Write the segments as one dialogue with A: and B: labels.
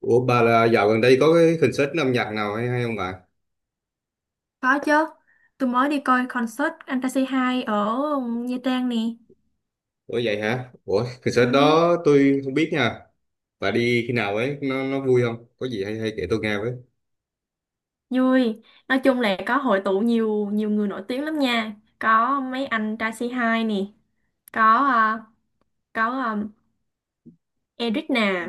A: Ủa bà là dạo gần đây có cái concert âm nhạc nào hay hay không bà?
B: Có chứ. Tôi mới đi coi concert Fantasy hai ở Nha Trang nè.
A: Ủa vậy hả? Ủa concert
B: Ừ.
A: đó tôi không biết nha. Bà đi khi nào ấy? Nó vui không? Có gì hay hay kể tôi nghe với.
B: Vui. Nói chung là có hội tụ nhiều nhiều người nổi tiếng lắm nha. Có mấy anh Taxi hai nè, có ờ, có Eric nè,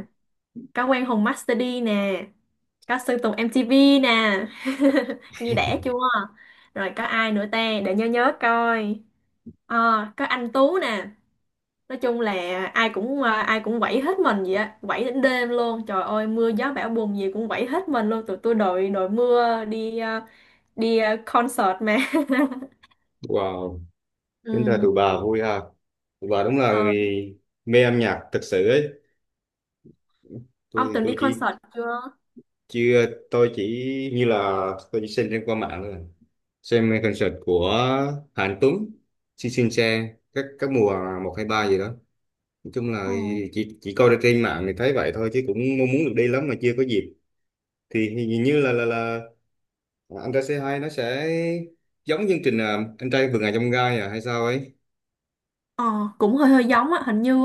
B: có Quang Hùng Master D nè, có Sơn Tùng MTV nè. Nghe đẻ chưa? Rồi có ai nữa ta, để nhớ nhớ coi. Ờ, có anh Tú nè. Nói chung là ai cũng quẩy hết mình vậy á, quẩy đến đêm luôn. Trời ơi, mưa gió bão bùng gì cũng quẩy hết mình luôn. Tụi tôi đội đội mưa concert mà.
A: Wow,
B: Ừ.
A: tính ra tụi bà vui ha. Tụi bà đúng là
B: ờ
A: người mê âm nhạc thật sự ấy. Tôi
B: ông
A: thì
B: từng
A: tôi
B: đi
A: chỉ
B: concert chưa?
A: chưa tôi chỉ như là Tôi chỉ xem trên qua mạng thôi. Xem concert của Hàn Tuấn, Xin Xin Xe, các mùa một 2 3 gì đó. Nói chung là
B: ờ
A: chỉ coi ra trên mạng thì thấy vậy thôi, chứ cũng mong muốn được đi lắm mà chưa có dịp. Thì hình như là anh trai C2 nó sẽ giống chương trình, anh trai vượt ngàn chông gai à hay sao ấy.
B: ờ cũng hơi hơi giống á, hình như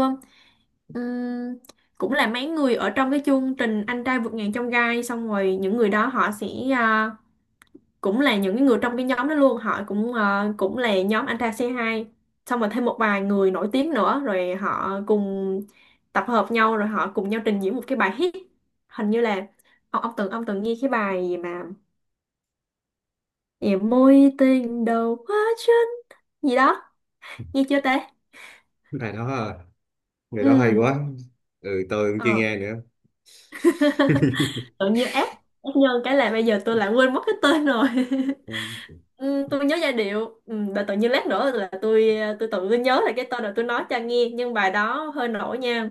B: ừm, cũng là mấy người ở trong cái chương trình Anh trai vượt ngàn chông gai, xong rồi những người đó họ sẽ, ờ, cũng là những cái người trong cái nhóm đó luôn. Họ cũng, cũng là nhóm anh trai C2, xong rồi thêm một vài người nổi tiếng nữa rồi họ cùng tập hợp nhau rồi họ cùng nhau trình diễn một cái bài hit. Hình như là ông từng nghe cái bài gì mà gì mối tình đầu quá chân gì đó, nghe chưa ta?
A: Này đó à, người đó hay
B: Ừ.
A: quá. Ừ, tôi cũng chưa
B: ờ,
A: nghe
B: tự nhiên ép ép nhân cái là bây giờ tôi lại quên mất cái tên rồi.
A: nữa.
B: Ừ, tôi nhớ giai điệu. Ừ, và tự nhiên lát nữa là tôi nhớ lại cái tên rồi tôi nói cho nghe. Nhưng bài đó hơi nổi nha.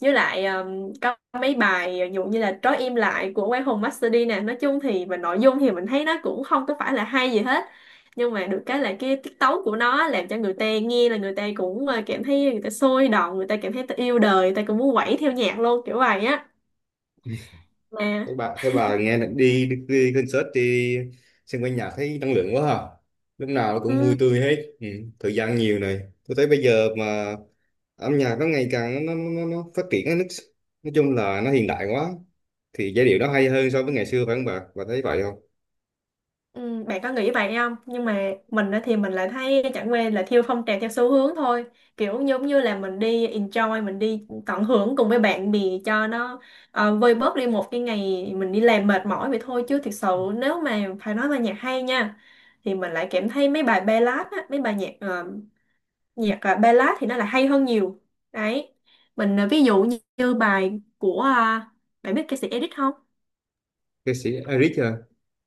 B: Với lại có mấy bài ví dụ như là Trói im lại của Quang Hùng Master D nè. Nói chung thì về nội dung thì mình thấy nó cũng không có phải là hay gì hết, nhưng mà được cái là cái tiết tấu của nó làm cho người ta nghe là người ta cũng, cảm thấy người ta sôi động, người ta cảm thấy ta yêu đời, người ta cũng muốn quẩy theo nhạc luôn, kiểu vậy á. À.
A: Thế bà nghe là đi concert, đi xem quanh nhạc thấy năng lượng quá ha. Lúc nào cũng vui
B: Ừ.
A: tươi hết. Ừ, thời gian nhiều này. Tôi thấy bây giờ mà âm nhạc nó ngày càng nó nó phát triển á, nó, nói chung là nó hiện đại quá. Thì giai điệu nó hay hơn so với ngày xưa phải không bà? Bà thấy vậy không?
B: Ừ, bạn có nghĩ vậy không? Nhưng mà mình á thì mình lại thấy chẳng qua là theo phong trào theo xu hướng thôi. Kiểu giống như là mình đi enjoy, mình đi tận hưởng cùng với bạn bè cho nó, vơi bớt đi một cái ngày mình đi làm mệt mỏi vậy thôi. Chứ thực sự, nếu mà phải nói là nhạc hay nha, thì mình lại cảm thấy mấy bài ballad á, mấy bài nhạc ballad thì nó là hay hơn nhiều. Đấy. Mình, ví dụ như bài của, bạn biết ca sĩ Edit không?
A: Ca sĩ Eric à?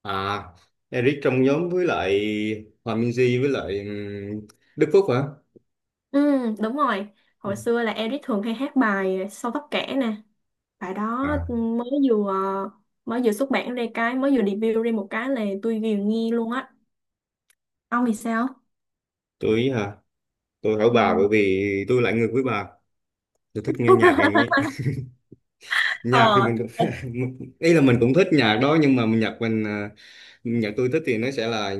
A: À, Eric trong nhóm với lại Hòa Minzy với lại Đức Phúc hả?
B: Ừ, đúng rồi.
A: Ừ.
B: Hồi xưa là Eric thường hay hát bài Sâu Tóc Kẻ nè. Bài đó
A: À,
B: mới vừa xuất bản ra cái, mới vừa debut ra một cái là tôi ghiền nghe luôn á. Ông thì sao?
A: tôi ý hả? Tôi hỏi
B: Ừ.
A: bà bởi vì tôi lại ngược với bà. Tôi thích nghe nhạc này nhé, nhạc thì
B: Ờ.
A: mình cũng ý là mình cũng thích nhạc đó, nhưng mà nhạc mình nhạc tôi thích thì nó sẽ là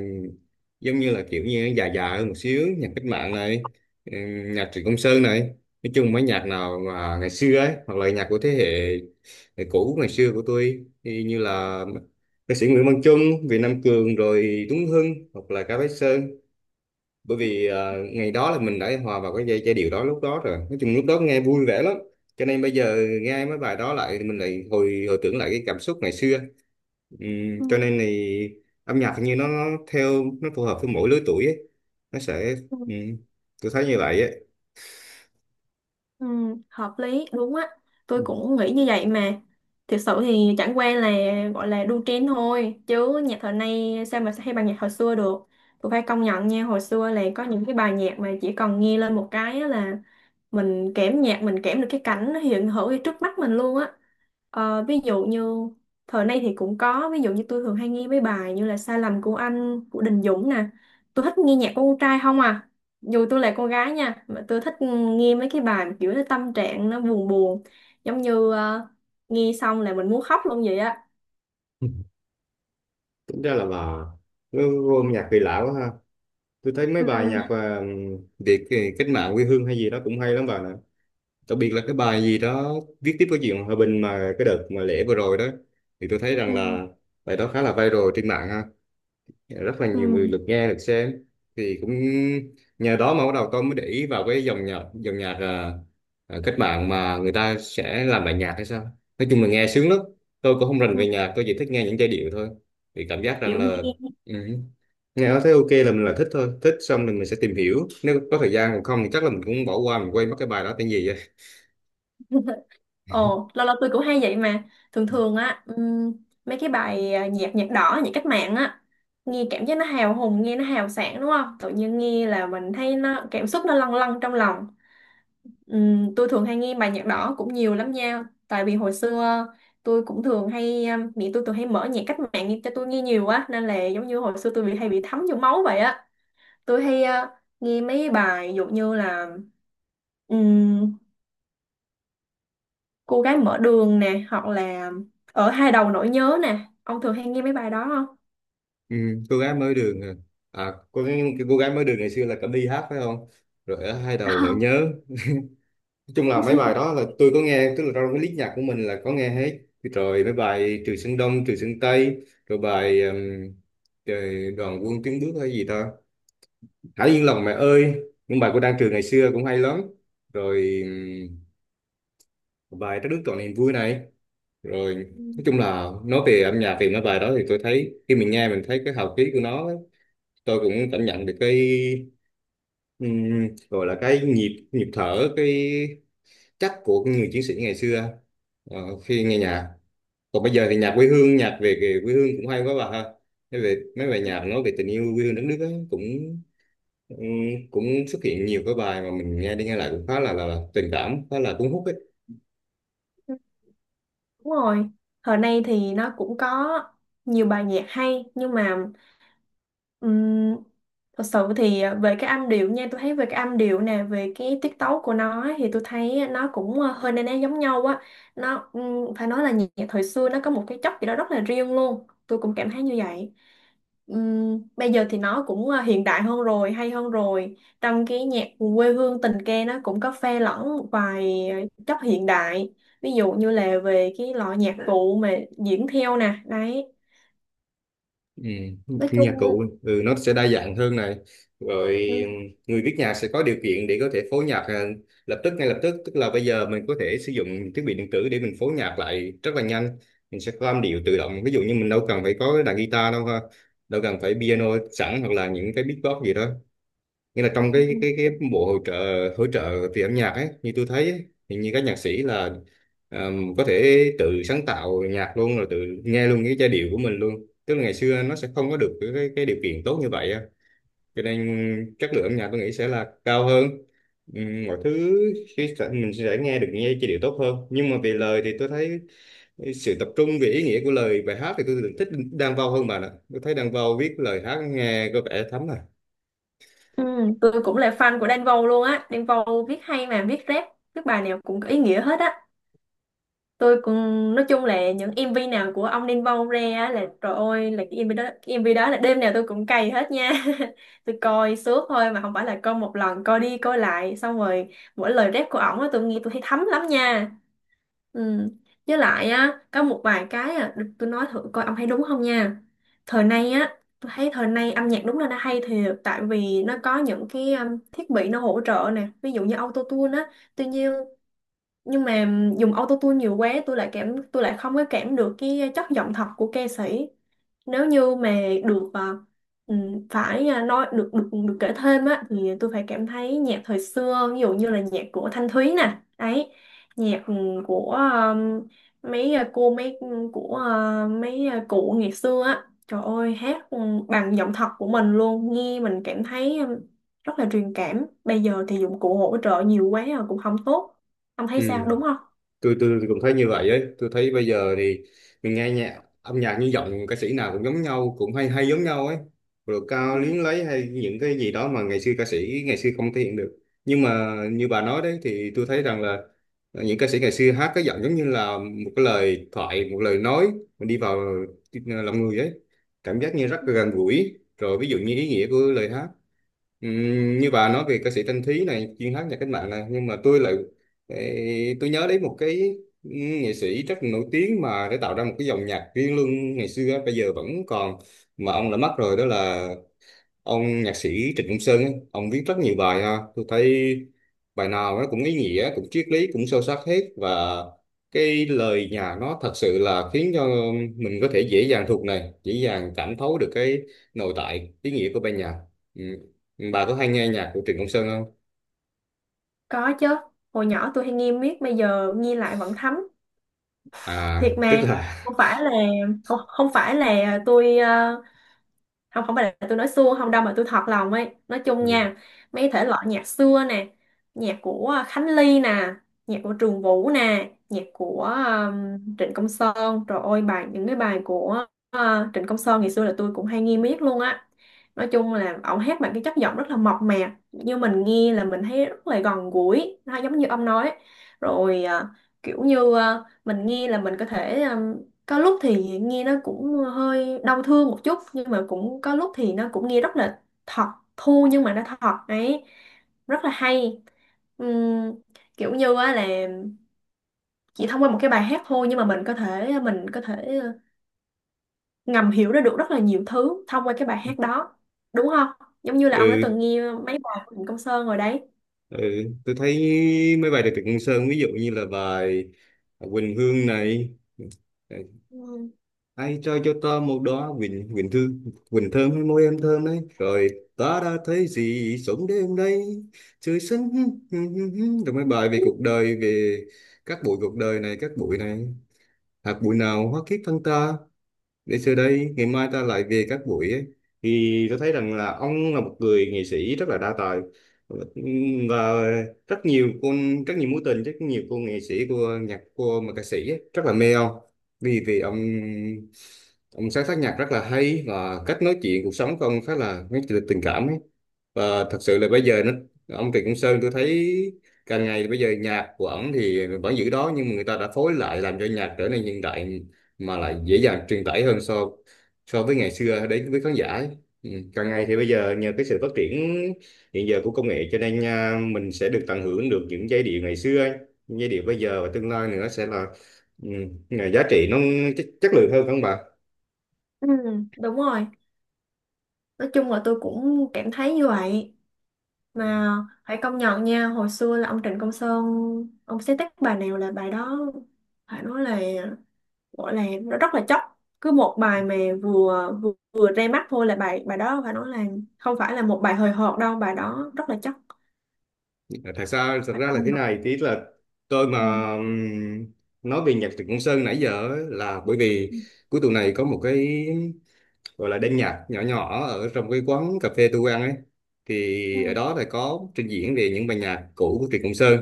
A: giống như là kiểu như nó già già hơn một xíu, nhạc cách mạng này, ừ, nhạc Trịnh Công Sơn này, nói chung mấy nhạc nào mà ngày xưa ấy, hoặc là nhạc của thế hệ hệ cũ ngày xưa của tôi thì như là ca sĩ Nguyễn Văn Chung, Việt Nam Cường, rồi Tuấn Hưng, hoặc là Cá Bách Sơn. Bởi vì ngày đó là mình đã hòa vào cái giai giai điệu đó lúc đó rồi, nói chung lúc đó nghe vui vẻ lắm, cho nên bây giờ nghe mấy bài đó lại mình lại hồi hồi tưởng lại cái cảm xúc ngày xưa. Cho nên thì âm nhạc hình như nó theo nó phù hợp với mỗi lứa tuổi ấy. Nó sẽ
B: Ừ.
A: ừm, tôi thấy như vậy ấy.
B: Ừ, hợp lý đúng á, tôi cũng nghĩ như vậy mà. Thực sự thì chẳng qua là gọi là đu trend thôi, chứ nhạc thời nay sao mà hay bằng nhạc hồi xưa được. Tôi phải công nhận nha, hồi xưa là có những cái bài nhạc mà chỉ cần nghe lên một cái á là mình kẽm nhạc, mình kẽm được cái cảnh nó hiện hữu ngay trước mắt mình luôn á. Ví dụ như thời nay thì cũng có. Ví dụ như tôi thường hay nghe mấy bài như là Sai lầm của anh của Đình Dũng nè. Tôi thích nghe nhạc của con trai không à, dù tôi là con gái nha, mà tôi thích nghe mấy cái bài mà kiểu nó tâm trạng nó buồn buồn, giống như, nghe xong là mình muốn khóc luôn vậy á.
A: Ừ, tính ra là bà nó vô âm nhạc kỳ lạ quá ha. Tôi thấy mấy bài nhạc
B: Ừ,
A: Việt cách mạng quê hương hay gì đó cũng hay lắm bà nè. Đặc biệt là cái bài gì đó viết tiếp cái chuyện hòa bình mà cái đợt mà lễ vừa rồi đó, thì tôi thấy rằng
B: ừ,
A: là bài đó khá là viral trên mạng ha. Dạ, rất là nhiều người
B: ừ,
A: lượt nghe lượt xem, thì cũng nhờ đó mà bắt đầu tôi mới để ý vào cái dòng nhạc cách mạng mà người ta sẽ làm bài nhạc hay sao. Nói chung là nghe sướng lắm, tôi cũng không rành về
B: ừ,
A: nhạc, tôi chỉ thích nghe những giai điệu thôi, thì cảm giác rằng
B: kiểu
A: là
B: nghe.
A: ừ, nghe nó thấy ok là mình là thích thôi, thích xong rồi mình sẽ tìm hiểu nếu có thời gian, còn không thì chắc là mình cũng bỏ qua, mình quên mất cái bài đó tên gì á.
B: Ồ, lâu lâu tôi cũng hay vậy mà. Thường thường á, mấy cái bài, nhạc nhạc đỏ, nhạc cách mạng á, nghe cảm giác nó hào hùng, nghe nó hào sảng đúng không? Tự nhiên nghe là mình thấy nó cảm xúc nó lâng lâng trong lòng. Tôi thường hay nghe bài nhạc đỏ cũng nhiều lắm nha. Tại vì hồi xưa tôi cũng thường hay, mẹ tôi thường hay mở nhạc cách mạng cho tôi nghe nhiều quá nên là giống như hồi xưa tôi bị hay bị thấm vô máu vậy á. Tôi hay, nghe mấy bài ví dụ như là, ừm, cô gái mở đường nè, hoặc là ở hai đầu nỗi nhớ nè. Ông thường hay nghe mấy bài đó không?
A: Ừ, cô gái mới đường cô, cái cô gái mới đường ngày xưa là Cẩm Ly hát phải không, rồi ở hai đầu nỗi nhớ. Nói chung là mấy bài đó là tôi có nghe, tức là trong cái list nhạc của mình là có nghe hết rồi, mấy bài Trường Sơn Đông Trường Sơn Tây, rồi bài trời, Đoàn Quân Tiến Bước hay gì ta, Hãy Yên Lòng Mẹ ơi, những bài của Đan Trường ngày xưa cũng hay lắm, rồi bài Trái Đất Trọn Niềm Vui này, rồi nói chung là nói về âm nhạc thì mấy bài đó thì tôi thấy khi mình nghe mình thấy cái hào khí của nó ấy, tôi cũng cảm nhận được cái ừ, gọi là cái nhịp nhịp thở, cái chắc của người chiến sĩ ngày xưa khi nghe nhạc. Còn bây giờ thì nhạc quê hương, nhạc về về quê hương cũng hay quá bà ha. Nói về mấy bài nhạc nói về tình yêu quê hương đất nước ấy, cũng ừ, cũng xuất hiện nhiều cái bài mà mình nghe đi nghe lại cũng khá là là tình cảm, khá là cuốn hút ấy.
B: Ừ, đúng rồi. Thời nay thì nó cũng có nhiều bài nhạc hay, nhưng mà ừm, thật sự thì về cái âm điệu nha, tôi thấy về cái âm điệu nè, về cái tiết tấu của nó ấy, thì tôi thấy nó cũng, hơi na ná giống nhau á. Nó, phải nói là nhạc thời xưa nó có một cái chất gì đó rất là riêng luôn. Tôi cũng cảm thấy như vậy. Bây giờ thì nó cũng, hiện đại hơn rồi, hay hơn rồi. Trong cái nhạc quê hương tình ca nó cũng có pha lẫn một vài chất hiện đại, ví dụ như là về cái loại nhạc cụ mà diễn theo nè đấy.
A: Ừ,
B: Nói chung.
A: nhạc cụ ừ, nó sẽ đa dạng hơn này, rồi
B: Ừ,
A: người viết nhạc sẽ có điều kiện để có thể phối nhạc lập tức, ngay lập tức, tức là bây giờ mình có thể sử dụng thiết bị điện tử để mình phối nhạc lại rất là nhanh, mình sẽ có âm điệu tự động, ví dụ như mình đâu cần phải có cái đàn guitar đâu ha, đâu cần phải
B: ừ,
A: piano sẵn, hoặc là những cái beatbox gì đó, nghĩa là trong
B: ừ.
A: cái
B: Ừ,
A: cái bộ hỗ trợ, hỗ trợ từ âm nhạc ấy, như tôi thấy ấy, thì như các nhạc sĩ là có thể tự sáng tạo nhạc luôn, rồi tự nghe luôn cái giai điệu của mình luôn, tức là ngày xưa nó sẽ không có được cái cái điều kiện tốt như vậy á, cho nên chất lượng âm nhạc tôi nghĩ sẽ là cao hơn. Mọi thứ khi sẽ- mình sẽ nghe giai điệu tốt hơn, nhưng mà về lời thì tôi thấy sự tập trung về ý nghĩa của lời bài hát thì tôi thích Đan Vâu hơn bạn ạ, tôi thấy Đan Vâu viết lời hát nghe có vẻ thấm à.
B: Ừ, tôi cũng là fan của Đan Vâu luôn á. Đan Vâu viết hay mà viết rap, viết bài nào cũng có ý nghĩa hết á. Tôi cũng, nói chung là những MV nào của ông Đan Vâu ra á là trời ơi, là cái MV đó là đêm nào tôi cũng cày hết nha. Tôi coi suốt thôi mà, không phải là coi một lần, coi đi coi lại xong rồi mỗi lời rap của ổng á tôi nghe tôi thấy thấm lắm nha. Ừ. Với lại á, có một vài cái à, được tôi nói thử coi ông thấy đúng không nha. Thời nay á, tôi thấy thời nay âm nhạc đúng là nó hay thiệt, tại vì nó có những cái, thiết bị nó hỗ trợ nè, ví dụ như auto tune á. Tuy nhiên, nhưng mà dùng autotune nhiều quá, tôi lại không có cảm được cái chất giọng thật của ca sĩ. Nếu như mà được, phải, nói được được được kể thêm á, thì tôi phải cảm thấy nhạc thời xưa ví dụ như là nhạc của Thanh Thúy nè ấy. Nhạc, của, mấy, cô mấy của, mấy, cụ ngày xưa á, trời ơi hát, bằng giọng thật của mình luôn, nghe mình cảm thấy, rất là truyền cảm. Bây giờ thì dụng cụ hỗ trợ nhiều quá rồi cũng không tốt. Ông
A: Ừ.
B: thấy sao, đúng không?
A: tôi cũng thấy như vậy ấy, tôi thấy bây giờ thì mình nghe nhạc, âm nhạc như giọng ca sĩ nào cũng giống nhau, cũng hay hay giống nhau ấy, rồi cao
B: Ừ.
A: luyến lấy hay những cái gì đó mà ngày xưa ca sĩ ngày xưa không thể hiện được. Nhưng mà như bà nói đấy thì tôi thấy rằng là những ca sĩ ngày xưa hát cái giọng giống như là một cái lời thoại, một lời nói, mình đi vào lòng người ấy, cảm giác như rất là gần gũi, rồi ví dụ như ý nghĩa của lời hát. Như bà nói về ca sĩ Thanh Thúy này, chuyên hát nhạc cách mạng này, nhưng mà tôi lại ê, tôi nhớ đến một cái ừm, nghệ sĩ rất là nổi tiếng mà để tạo ra một cái dòng nhạc riêng luôn ngày xưa á, bây giờ vẫn còn mà ông đã mất rồi, đó là ông nhạc sĩ Trịnh Công Sơn ấy. Ông viết rất nhiều bài ha, tôi thấy bài nào nó cũng ý nghĩa, cũng triết lý, cũng sâu sắc hết, và cái lời nhà nó thật sự là khiến cho mình có thể dễ dàng thuộc này, dễ dàng cảm thấu được cái nội tại ý nghĩa của bài nhạc. Ừ, bà có hay nghe nhạc của Trịnh Công Sơn không?
B: Có chứ. Hồi nhỏ tôi hay nghiêng miết, bây giờ nghiêng lại vẫn thấm.
A: À
B: Thiệt
A: tức
B: mà,
A: là
B: không phải là, không, không phải là tôi, không, không phải là tôi nói suông không đâu, mà tôi thật lòng ấy. Nói chung
A: ừ,
B: nha, mấy thể loại nhạc xưa nè, nhạc của Khánh Ly nè, nhạc của Trường Vũ nè, nhạc của, Trịnh Công Sơn, trời ơi bài, những cái bài của uh, Trịnh Công Sơn ngày xưa là tôi cũng hay nghe miết luôn á. Nói chung là ổng hát bằng cái chất giọng rất là mộc mạc, như mình nghe là mình thấy rất là gần gũi, nó giống như ông nói rồi à, kiểu như à, mình nghe là mình có thể, có lúc thì nghe nó cũng hơi đau thương một chút, nhưng mà cũng có lúc thì nó cũng nghe rất là thật, thô nhưng mà nó thật ấy, rất là hay. Ừm, kiểu như á là chỉ thông qua một cái bài hát thôi, nhưng mà mình có thể ngầm hiểu ra được rất là nhiều thứ thông qua cái bài hát đó, đúng không? Giống như là ông đã
A: ừ,
B: từng nghe mấy bài của Trịnh Công Sơn rồi đấy.
A: ừ. Tôi thấy mấy bài của Trịnh Công Sơn ví dụ như là bài Quỳnh Hương này, ừ,
B: Ừ.
A: ai cho tớ một đó, Quỳnh Quỳnh Thư, Quỳnh thơm hay môi em thơm đấy, rồi ta đã thấy gì sống đêm đây trời xanh. rồi mấy bài về cuộc đời, về các bụi này, hạt bụi nào hóa kiếp thân ta, để xưa đây ngày mai ta lại về các buổi ấy, thì tôi thấy rằng là ông là một người nghệ sĩ rất là đa tài, và rất nhiều con, rất nhiều mối tình, rất nhiều cô nghệ sĩ, cô nhạc, cô mà ca sĩ ấy, rất là mê ông. Vì Vì ông sáng tác nhạc rất là hay, và cách nói chuyện cuộc sống của ông khá là mấy tình tình cảm ấy. Và thật sự là bây giờ nó, ông Trịnh Công Sơn, tôi thấy càng ngày bây giờ nhạc của ổng thì vẫn giữ đó, nhưng mà người ta đã phối lại làm cho nhạc trở nên hiện đại, mà lại dễ dàng truyền tải hơn so so với ngày xưa, đến với khán giả ấy. Ừ, càng ngày thì bây giờ nhờ cái sự phát triển hiện giờ của công nghệ, cho nên à, mình sẽ được tận hưởng được những giai điệu ngày xưa ấy. Những giai điệu bây giờ và tương lai nữa sẽ là ừ, là giá trị, nó chất lượng hơn không bà?
B: Ừ, đúng rồi. Nói chung là tôi cũng cảm thấy như vậy. Mà phải công nhận nha, hồi xưa là ông Trịnh Công Sơn, ông sáng tác bài nào là bài đó phải nói là, gọi là nó rất là chóc. Cứ một bài mà vừa vừa, vừa ra mắt thôi là bài bài đó phải nói là không phải là một bài hời hợt đâu, bài đó rất là chóc,
A: thật ra thật
B: phải
A: ra
B: công
A: là thế
B: nhận.
A: này tí là tôi
B: Ừ.
A: mà nói về nhạc Trịnh Công Sơn nãy giờ ấy là bởi vì
B: Ừ.
A: cuối tuần này có một cái gọi là đêm nhạc nhỏ nhỏ ở trong cái quán cà phê tôi ăn ấy,
B: Ừ.
A: thì ở đó là có trình diễn về những bài nhạc cũ của Trịnh Công Sơn.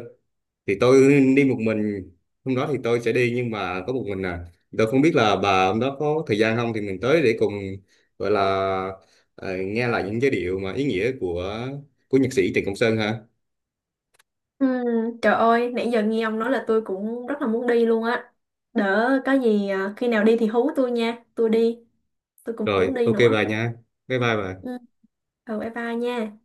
A: Thì tôi đi một mình hôm đó, thì tôi sẽ đi nhưng mà có một mình à, tôi không biết là bà hôm đó có thời gian không thì mình tới để cùng gọi là nghe lại những giai điệu mà ý nghĩa của nhạc sĩ Trịnh Công Sơn ha.
B: Ừ, trời ơi, nãy giờ nghe ông nói là tôi cũng rất là muốn đi luôn á. Đỡ có gì à, khi nào đi thì hú tôi nha, tôi đi, tôi cũng muốn
A: Rồi
B: đi
A: ok
B: nữa.
A: bà nha, bye bye bà.
B: Ừ. Ừ, bye bye nha.